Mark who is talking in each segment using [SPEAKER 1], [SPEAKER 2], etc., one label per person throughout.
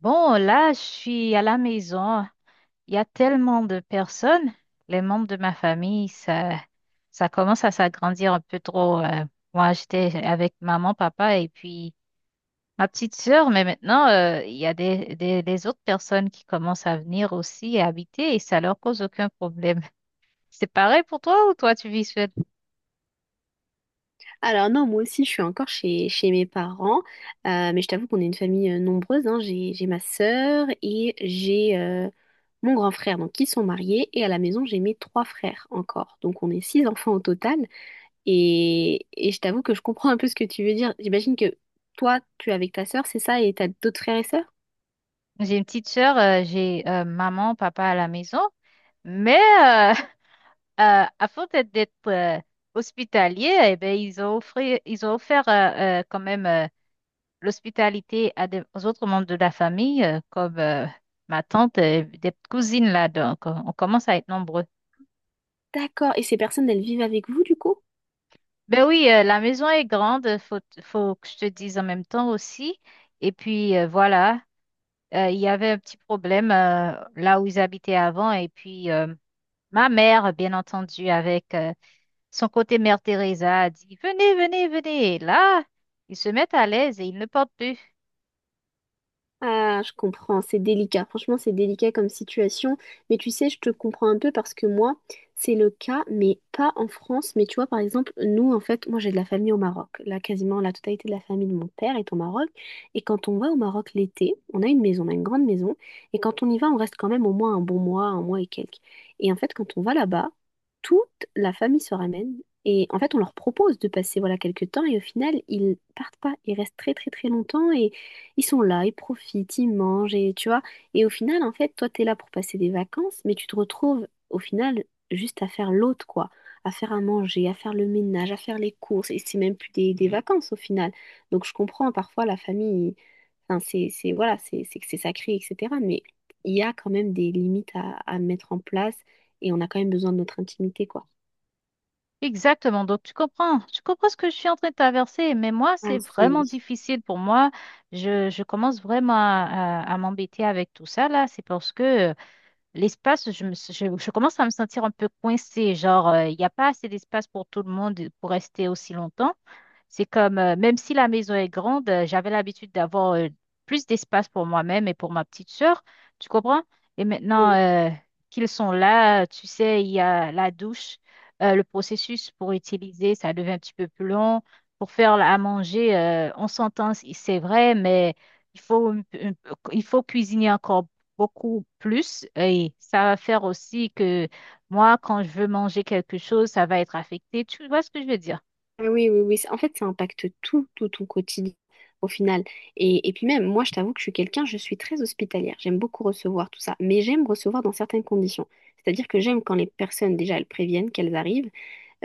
[SPEAKER 1] Bon, là, je suis à la maison. Il y a tellement de personnes. Les membres de ma famille, ça commence à s'agrandir un peu trop. Moi, j'étais avec maman, papa et puis ma petite sœur, mais maintenant, il y a des autres personnes qui commencent à venir aussi et habiter et ça leur cause aucun problème. C'est pareil pour toi ou toi, tu vis seule?
[SPEAKER 2] Alors non, moi aussi, je suis encore chez mes parents, mais je t'avoue qu'on est une famille nombreuse, hein. J'ai ma sœur et j'ai mon grand frère, donc qui sont mariés, et à la maison, j'ai mes trois frères encore. Donc on est six enfants au total, et je t'avoue que je comprends un peu ce que tu veux dire. J'imagine que toi, tu es avec ta sœur, c'est ça, et t'as d'autres frères et sœurs?
[SPEAKER 1] J'ai une petite sœur, j'ai maman, papa à la maison, mais euh, avant d'être hospitalier, eh ben, ils ont offert quand même l'hospitalité à des, aux autres membres de la famille, comme ma tante, des cousines là, donc on commence à être nombreux.
[SPEAKER 2] D'accord, et ces personnes, elles vivent avec vous, du coup?
[SPEAKER 1] Ben oui, la maison est grande, faut que je te dise en même temps aussi. Et puis voilà, il y avait un petit problème là où ils habitaient avant, et puis ma mère, bien entendu, avec son côté Mère Teresa a dit, venez, venez, venez. Et là, ils se mettent à l'aise et ils ne portent plus.
[SPEAKER 2] Ah, je comprends, c'est délicat. Franchement, c'est délicat comme situation. Mais tu sais, je te comprends un peu parce que moi, c'est le cas, mais pas en France. Mais tu vois, par exemple, nous, en fait, moi, j'ai de la famille au Maroc. Là, quasiment la totalité de la famille de mon père est au Maroc. Et quand on va au Maroc l'été, on a une maison, on a une grande maison. Et quand on y va, on reste quand même au moins un bon mois, un mois et quelques. Et en fait, quand on va là-bas, toute la famille se ramène. Et en fait, on leur propose de passer voilà quelques temps et au final, ils partent pas. Ils restent très très très longtemps. Ils sont là, ils profitent, ils mangent, et tu vois. Et au final, en fait, toi, t'es là pour passer des vacances, mais tu te retrouves, au final, juste à faire l'autre, quoi. À faire à manger, à faire le ménage, à faire les courses. Et c'est même plus des vacances, au final. Donc, je comprends, parfois, la famille, enfin, voilà, c'est que c'est sacré, etc. Mais il y a quand même des limites à mettre en place, et on a quand même besoin de notre intimité, quoi.
[SPEAKER 1] Exactement. Donc, tu comprends. Tu comprends ce que je suis en train de traverser. Mais moi,
[SPEAKER 2] Ah,
[SPEAKER 1] c'est vraiment difficile pour moi. Je commence vraiment à, à m'embêter avec tout ça, là. C'est parce que l'espace, je commence à me sentir un peu coincée. Genre, il n'y a pas assez d'espace pour tout le monde pour rester aussi longtemps. C'est comme, même si la maison est grande, j'avais l'habitude d'avoir plus d'espace pour moi-même et pour ma petite sœur. Tu comprends? Et maintenant
[SPEAKER 2] oui.
[SPEAKER 1] qu'ils sont là, tu sais, il y a la douche, le processus pour utiliser, ça devient un petit peu plus long. Pour faire à manger, on s'entend, c'est vrai, mais il faut, il faut cuisiner encore beaucoup plus et ça va faire aussi que moi, quand je veux manger quelque chose, ça va être affecté. Tu vois ce que je veux dire?
[SPEAKER 2] Ah, oui, oui, oui. En fait, ça impacte tout ton quotidien au final. Et puis même, moi, je t'avoue que je suis quelqu'un, je suis très hospitalière. J'aime beaucoup recevoir tout ça, mais j'aime recevoir dans certaines conditions. C'est-à-dire que j'aime quand les personnes, déjà, elles préviennent qu'elles arrivent.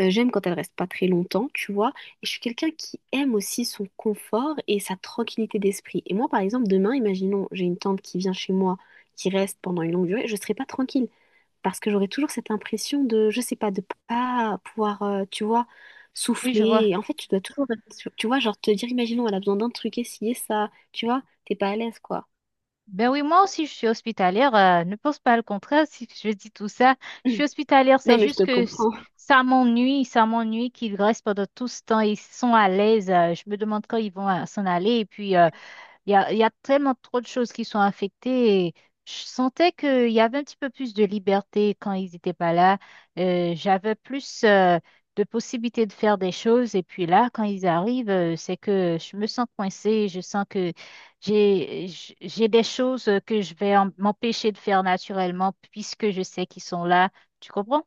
[SPEAKER 2] J'aime quand elles restent pas très longtemps, tu vois. Et je suis quelqu'un qui aime aussi son confort et sa tranquillité d'esprit. Et moi, par exemple, demain, imaginons, j'ai une tante qui vient chez moi, qui reste pendant une longue durée, je serai pas tranquille parce que j'aurais toujours cette impression de, je sais pas, de pas pouvoir, tu vois,
[SPEAKER 1] Oui, je vois.
[SPEAKER 2] souffler. Et en fait, tu dois toujours, tu vois, genre te dire, imaginons, elle a besoin d'un truc, essayer ça, tu vois, t'es pas à l'aise, quoi.
[SPEAKER 1] Ben oui, moi aussi, je suis hospitalière. Ne pense pas le contraire si je dis tout ça. Je
[SPEAKER 2] Mm.
[SPEAKER 1] suis hospitalière, c'est
[SPEAKER 2] Non, mais je
[SPEAKER 1] juste
[SPEAKER 2] te
[SPEAKER 1] que
[SPEAKER 2] comprends.
[SPEAKER 1] ça m'ennuie qu'ils restent pendant tout ce temps. Ils sont à l'aise. Je me demande quand ils vont s'en aller. Et puis, il y a, il y a tellement trop de choses qui sont affectées. Et je sentais qu'il y avait un petit peu plus de liberté quand ils n'étaient pas là. J'avais plus de possibilités de faire des choses. Et puis là, quand ils arrivent, c'est que je me sens coincée. Je sens que j'ai, j'ai des choses que je vais m'empêcher de faire naturellement puisque je sais qu'ils sont là. Tu comprends?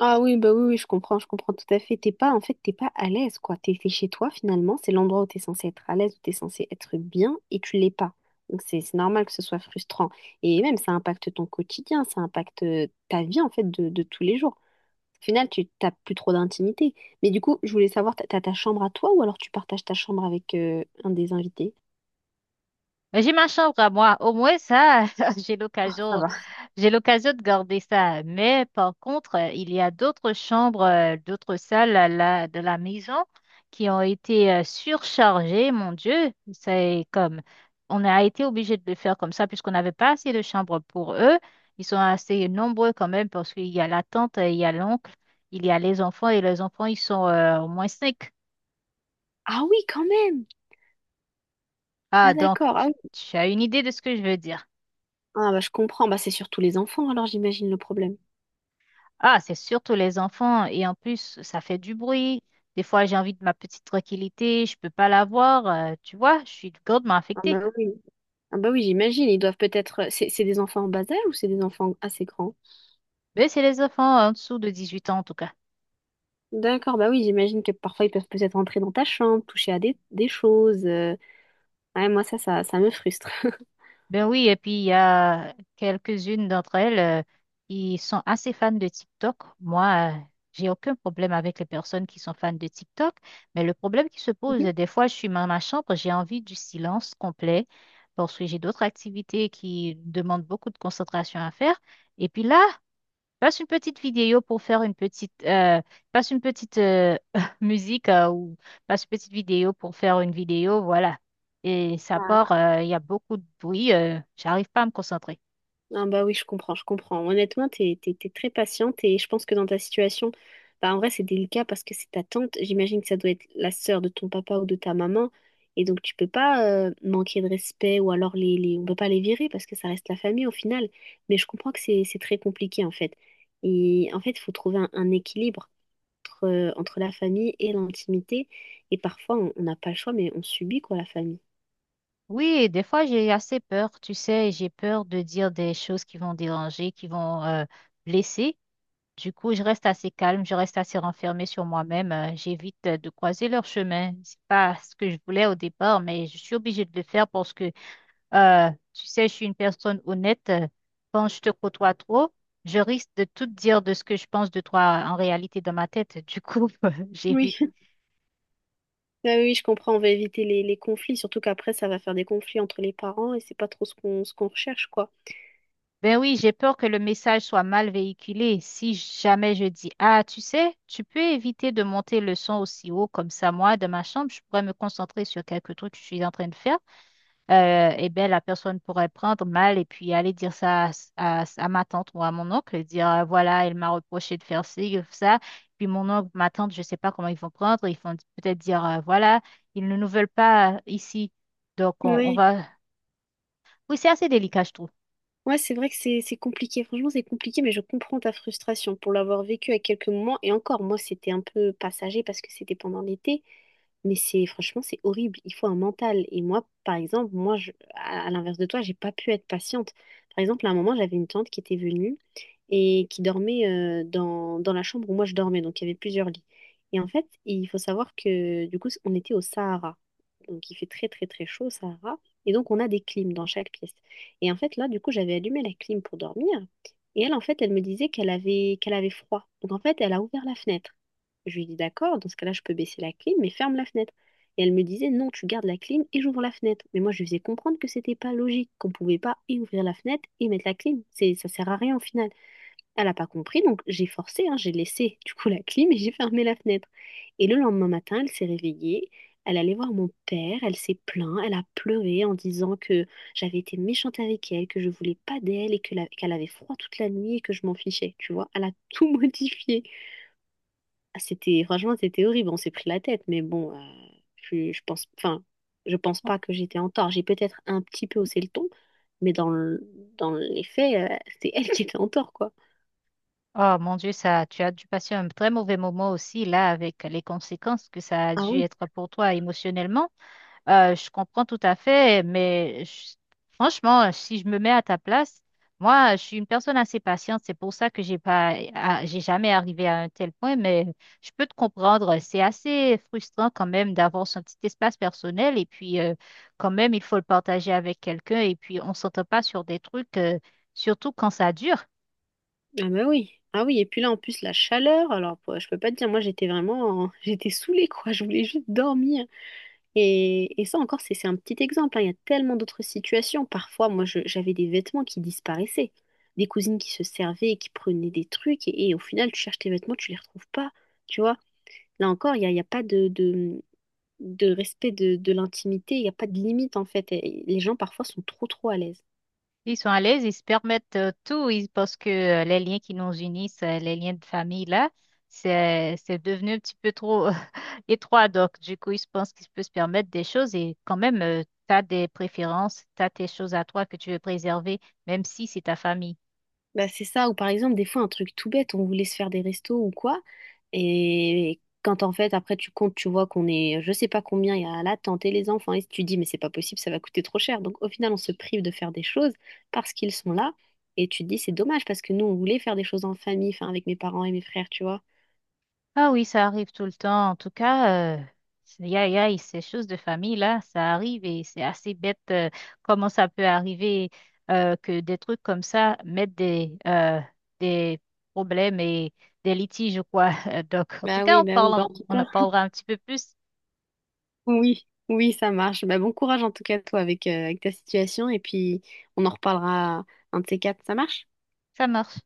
[SPEAKER 2] Ah oui, bah oui, oui, je comprends tout à fait. T'es pas, en fait, t'es pas à l'aise, quoi. T'es chez toi, finalement, c'est l'endroit où t'es censé être à l'aise, où t'es censé être bien, et tu l'es pas. Donc c'est normal que ce soit frustrant. Et même, ça impacte ton quotidien, ça impacte ta vie, en fait, de tous les jours. Au final, tu t'as plus trop d'intimité. Mais du coup, je voulais savoir, t'as ta chambre à toi ou alors tu partages ta chambre avec un des invités?
[SPEAKER 1] Mais j'ai ma chambre à moi. Au moins, ça, j'ai
[SPEAKER 2] Ça
[SPEAKER 1] l'occasion.
[SPEAKER 2] va.
[SPEAKER 1] J'ai l'occasion de garder ça, mais par contre, il y a d'autres chambres, d'autres salles à de la maison qui ont été surchargées. Mon Dieu, c'est comme on a été obligé de le faire comme ça puisqu'on n'avait pas assez de chambres pour eux. Ils sont assez nombreux quand même parce qu'il y a la tante, il y a l'oncle, il y a les enfants et les enfants, ils sont au moins cinq.
[SPEAKER 2] Ah oui, quand même!
[SPEAKER 1] Ah,
[SPEAKER 2] Ah
[SPEAKER 1] donc
[SPEAKER 2] d'accord, ah oui.
[SPEAKER 1] tu as une idée de ce que je veux dire.
[SPEAKER 2] Ah bah je comprends, bah c'est surtout les enfants alors j'imagine le problème.
[SPEAKER 1] Ah, c'est surtout les enfants. Et en plus, ça fait du bruit. Des fois, j'ai envie de ma petite tranquillité. Je peux pas l'avoir. Tu vois, je suis grandement
[SPEAKER 2] Ah bah
[SPEAKER 1] affectée.
[SPEAKER 2] oui, ah bah oui j'imagine, ils doivent peut-être... C'est des enfants en bas âge ou c'est des enfants assez grands?
[SPEAKER 1] Mais c'est les enfants en dessous de 18 ans, en tout cas.
[SPEAKER 2] D'accord, bah oui j'imagine que parfois ils peuvent peut-être entrer dans ta chambre, toucher à des choses. Ouais, moi ça me frustre.
[SPEAKER 1] Ben oui, et puis il y a quelques-unes d'entre elles qui sont assez fans de TikTok. Moi, j'ai aucun problème avec les personnes qui sont fans de TikTok. Mais le problème qui se pose, des fois, je suis dans ma chambre, j'ai envie du silence complet parce que j'ai d'autres activités qui demandent beaucoup de concentration à faire. Et puis là, passe une petite vidéo pour faire une petite, passe une petite musique ou passe une petite vidéo pour faire une vidéo, voilà. Et ça part,
[SPEAKER 2] Ah.
[SPEAKER 1] il y a beaucoup de bruit, j'arrive pas à me concentrer.
[SPEAKER 2] Ah bah oui, je comprends, je comprends. Honnêtement, t'es très patiente et je pense que dans ta situation, bah en vrai, c'est délicat parce que c'est ta tante. J'imagine que ça doit être la sœur de ton papa ou de ta maman. Et donc, tu peux pas manquer de respect ou alors on peut pas les virer parce que ça reste la famille au final. Mais je comprends que c'est très compliqué en fait. Et en fait, il faut trouver un équilibre entre la famille et l'intimité. Et parfois, on n'a pas le choix, mais on subit quoi la famille.
[SPEAKER 1] Oui, des fois j'ai assez peur, tu sais, j'ai peur de dire des choses qui vont déranger, qui vont blesser. Du coup, je reste assez calme, je reste assez renfermée sur moi-même, j'évite de croiser leur chemin. C'est pas ce que je voulais au départ, mais je suis obligée de le faire parce que tu sais, je suis une personne honnête. Quand je te côtoie trop, je risque de tout te dire de ce que je pense de toi en réalité dans ma tête. Du coup, j'évite.
[SPEAKER 2] Oui. Ah oui, oui, je comprends, on va éviter les conflits, surtout qu'après, ça va faire des conflits entre les parents et c'est pas trop ce qu'on recherche, quoi.
[SPEAKER 1] Ben oui, j'ai peur que le message soit mal véhiculé. Si jamais je dis, ah, tu sais, tu peux éviter de monter le son aussi haut comme ça, moi, de ma chambre, je pourrais me concentrer sur quelques trucs que je suis en train de faire eh ben, la personne pourrait prendre mal et puis aller dire ça à, à ma tante ou à mon oncle, et dire voilà, elle m'a reproché de faire ci, ça. Puis mon oncle, ma tante, je ne sais pas comment ils vont prendre. Ils vont peut-être dire voilà, ils ne nous veulent pas ici. Donc on
[SPEAKER 2] Oui,
[SPEAKER 1] va. Oui, c'est assez délicat, je trouve.
[SPEAKER 2] ouais, c'est vrai que c'est compliqué, franchement, c'est compliqué, mais je comprends ta frustration pour l'avoir vécu à quelques moments. Et encore, moi, c'était un peu passager parce que c'était pendant l'été, mais c'est franchement, c'est horrible, il faut un mental. Et moi, par exemple, moi, je, à l'inverse de toi, j'ai pas pu être patiente. Par exemple, à un moment, j'avais une tante qui était venue. Et qui dormait dans la chambre où moi je dormais. Donc il y avait plusieurs lits. Et en fait, il faut savoir que du coup, on était au Sahara. Donc il fait très très très chaud au Sahara. Et donc on a des clims dans chaque pièce. Et en fait, là, du coup, j'avais allumé la clim pour dormir. Et elle, en fait, elle me disait qu'elle avait froid. Donc en fait, elle a ouvert la fenêtre. Je lui ai dit d'accord, dans ce cas-là, je peux baisser la clim, mais ferme la fenêtre. Et elle me disait non, tu gardes la clim et j'ouvre la fenêtre. Mais moi, je lui faisais comprendre que c'était pas logique, qu'on pouvait pas et ouvrir la fenêtre et mettre la clim. Ça sert à rien au final. Elle n'a pas compris, donc j'ai forcé, hein, j'ai laissé du coup la clim et j'ai fermé la fenêtre. Et le lendemain matin, elle s'est réveillée, elle allait voir mon père, elle s'est plainte, elle a pleuré en disant que j'avais été méchante avec elle, que je voulais pas d'elle et que qu'elle avait froid toute la nuit et que je m'en fichais, tu vois. Elle a tout modifié. Ah, c'était, franchement, c'était horrible, on s'est pris la tête, mais bon, je pense, enfin, je pense pas que j'étais en tort. J'ai peut-être un petit peu haussé le ton, mais dans les faits, c'est elle qui était en tort, quoi.
[SPEAKER 1] Oh mon Dieu, ça, tu as dû passer un très mauvais moment aussi là avec les conséquences que ça a
[SPEAKER 2] Ah
[SPEAKER 1] dû
[SPEAKER 2] oui.
[SPEAKER 1] être pour toi émotionnellement. Je comprends tout à fait, mais franchement, si je me mets à ta place, moi, je suis une personne assez patiente. C'est pour ça que j'ai pas, j'ai jamais arrivé à un tel point, mais je peux te comprendre. C'est assez frustrant quand même d'avoir son petit espace personnel et puis quand même, il faut le partager avec quelqu'un et puis on s'entend pas sur des trucs, surtout quand ça dure.
[SPEAKER 2] Ah bah oui. Ah oui, et puis là en plus la chaleur, alors je peux pas te dire, moi j'étais vraiment, j'étais saoulée quoi, je voulais juste dormir. Et ça encore c'est un petit exemple, hein. Il y a tellement d'autres situations. Parfois moi j'avais des vêtements qui disparaissaient, des cousines qui se servaient, et qui prenaient des trucs et au final tu cherches tes vêtements, tu les retrouves pas, tu vois. Là encore il y a pas de respect de l'intimité, il y a pas de limite en fait. Et les gens parfois sont trop trop à l'aise.
[SPEAKER 1] Ils sont à l'aise, ils se permettent tout, parce que les liens qui nous unissent, les liens de famille, là, c'est devenu un petit peu trop étroit. Donc, du coup, ils se pensent qu'ils peuvent se permettre des choses et quand même, tu as des préférences, tu as tes choses à toi que tu veux préserver, même si c'est ta famille.
[SPEAKER 2] Bah, c'est ça, ou par exemple, des fois, un truc tout bête, on voulait se faire des restos ou quoi, et quand en fait, après, tu comptes, tu vois qu'on est, je sais pas combien, il y a là, et les enfants, et tu dis, mais c'est pas possible, ça va coûter trop cher. Donc, au final, on se prive de faire des choses parce qu'ils sont là, et tu te dis, c'est dommage, parce que nous, on voulait faire des choses en famille, enfin, avec mes parents et mes frères, tu vois.
[SPEAKER 1] Ah oui, ça arrive tout le temps. En tout cas, y aïe, aïe, ces choses de famille là, ça arrive et c'est assez bête comment ça peut arriver que des trucs comme ça mettent des problèmes et des litiges ou quoi. Donc, en tout
[SPEAKER 2] Bah
[SPEAKER 1] cas,
[SPEAKER 2] oui,
[SPEAKER 1] on
[SPEAKER 2] bah oui, bah
[SPEAKER 1] parle,
[SPEAKER 2] en tout
[SPEAKER 1] on en
[SPEAKER 2] cas,
[SPEAKER 1] parlera un petit peu plus.
[SPEAKER 2] oui, oui, ça marche. Bah, bon courage en tout cas, toi, avec, avec ta situation, et puis, on en reparlera un de ces quatre, ça marche?
[SPEAKER 1] Ça marche.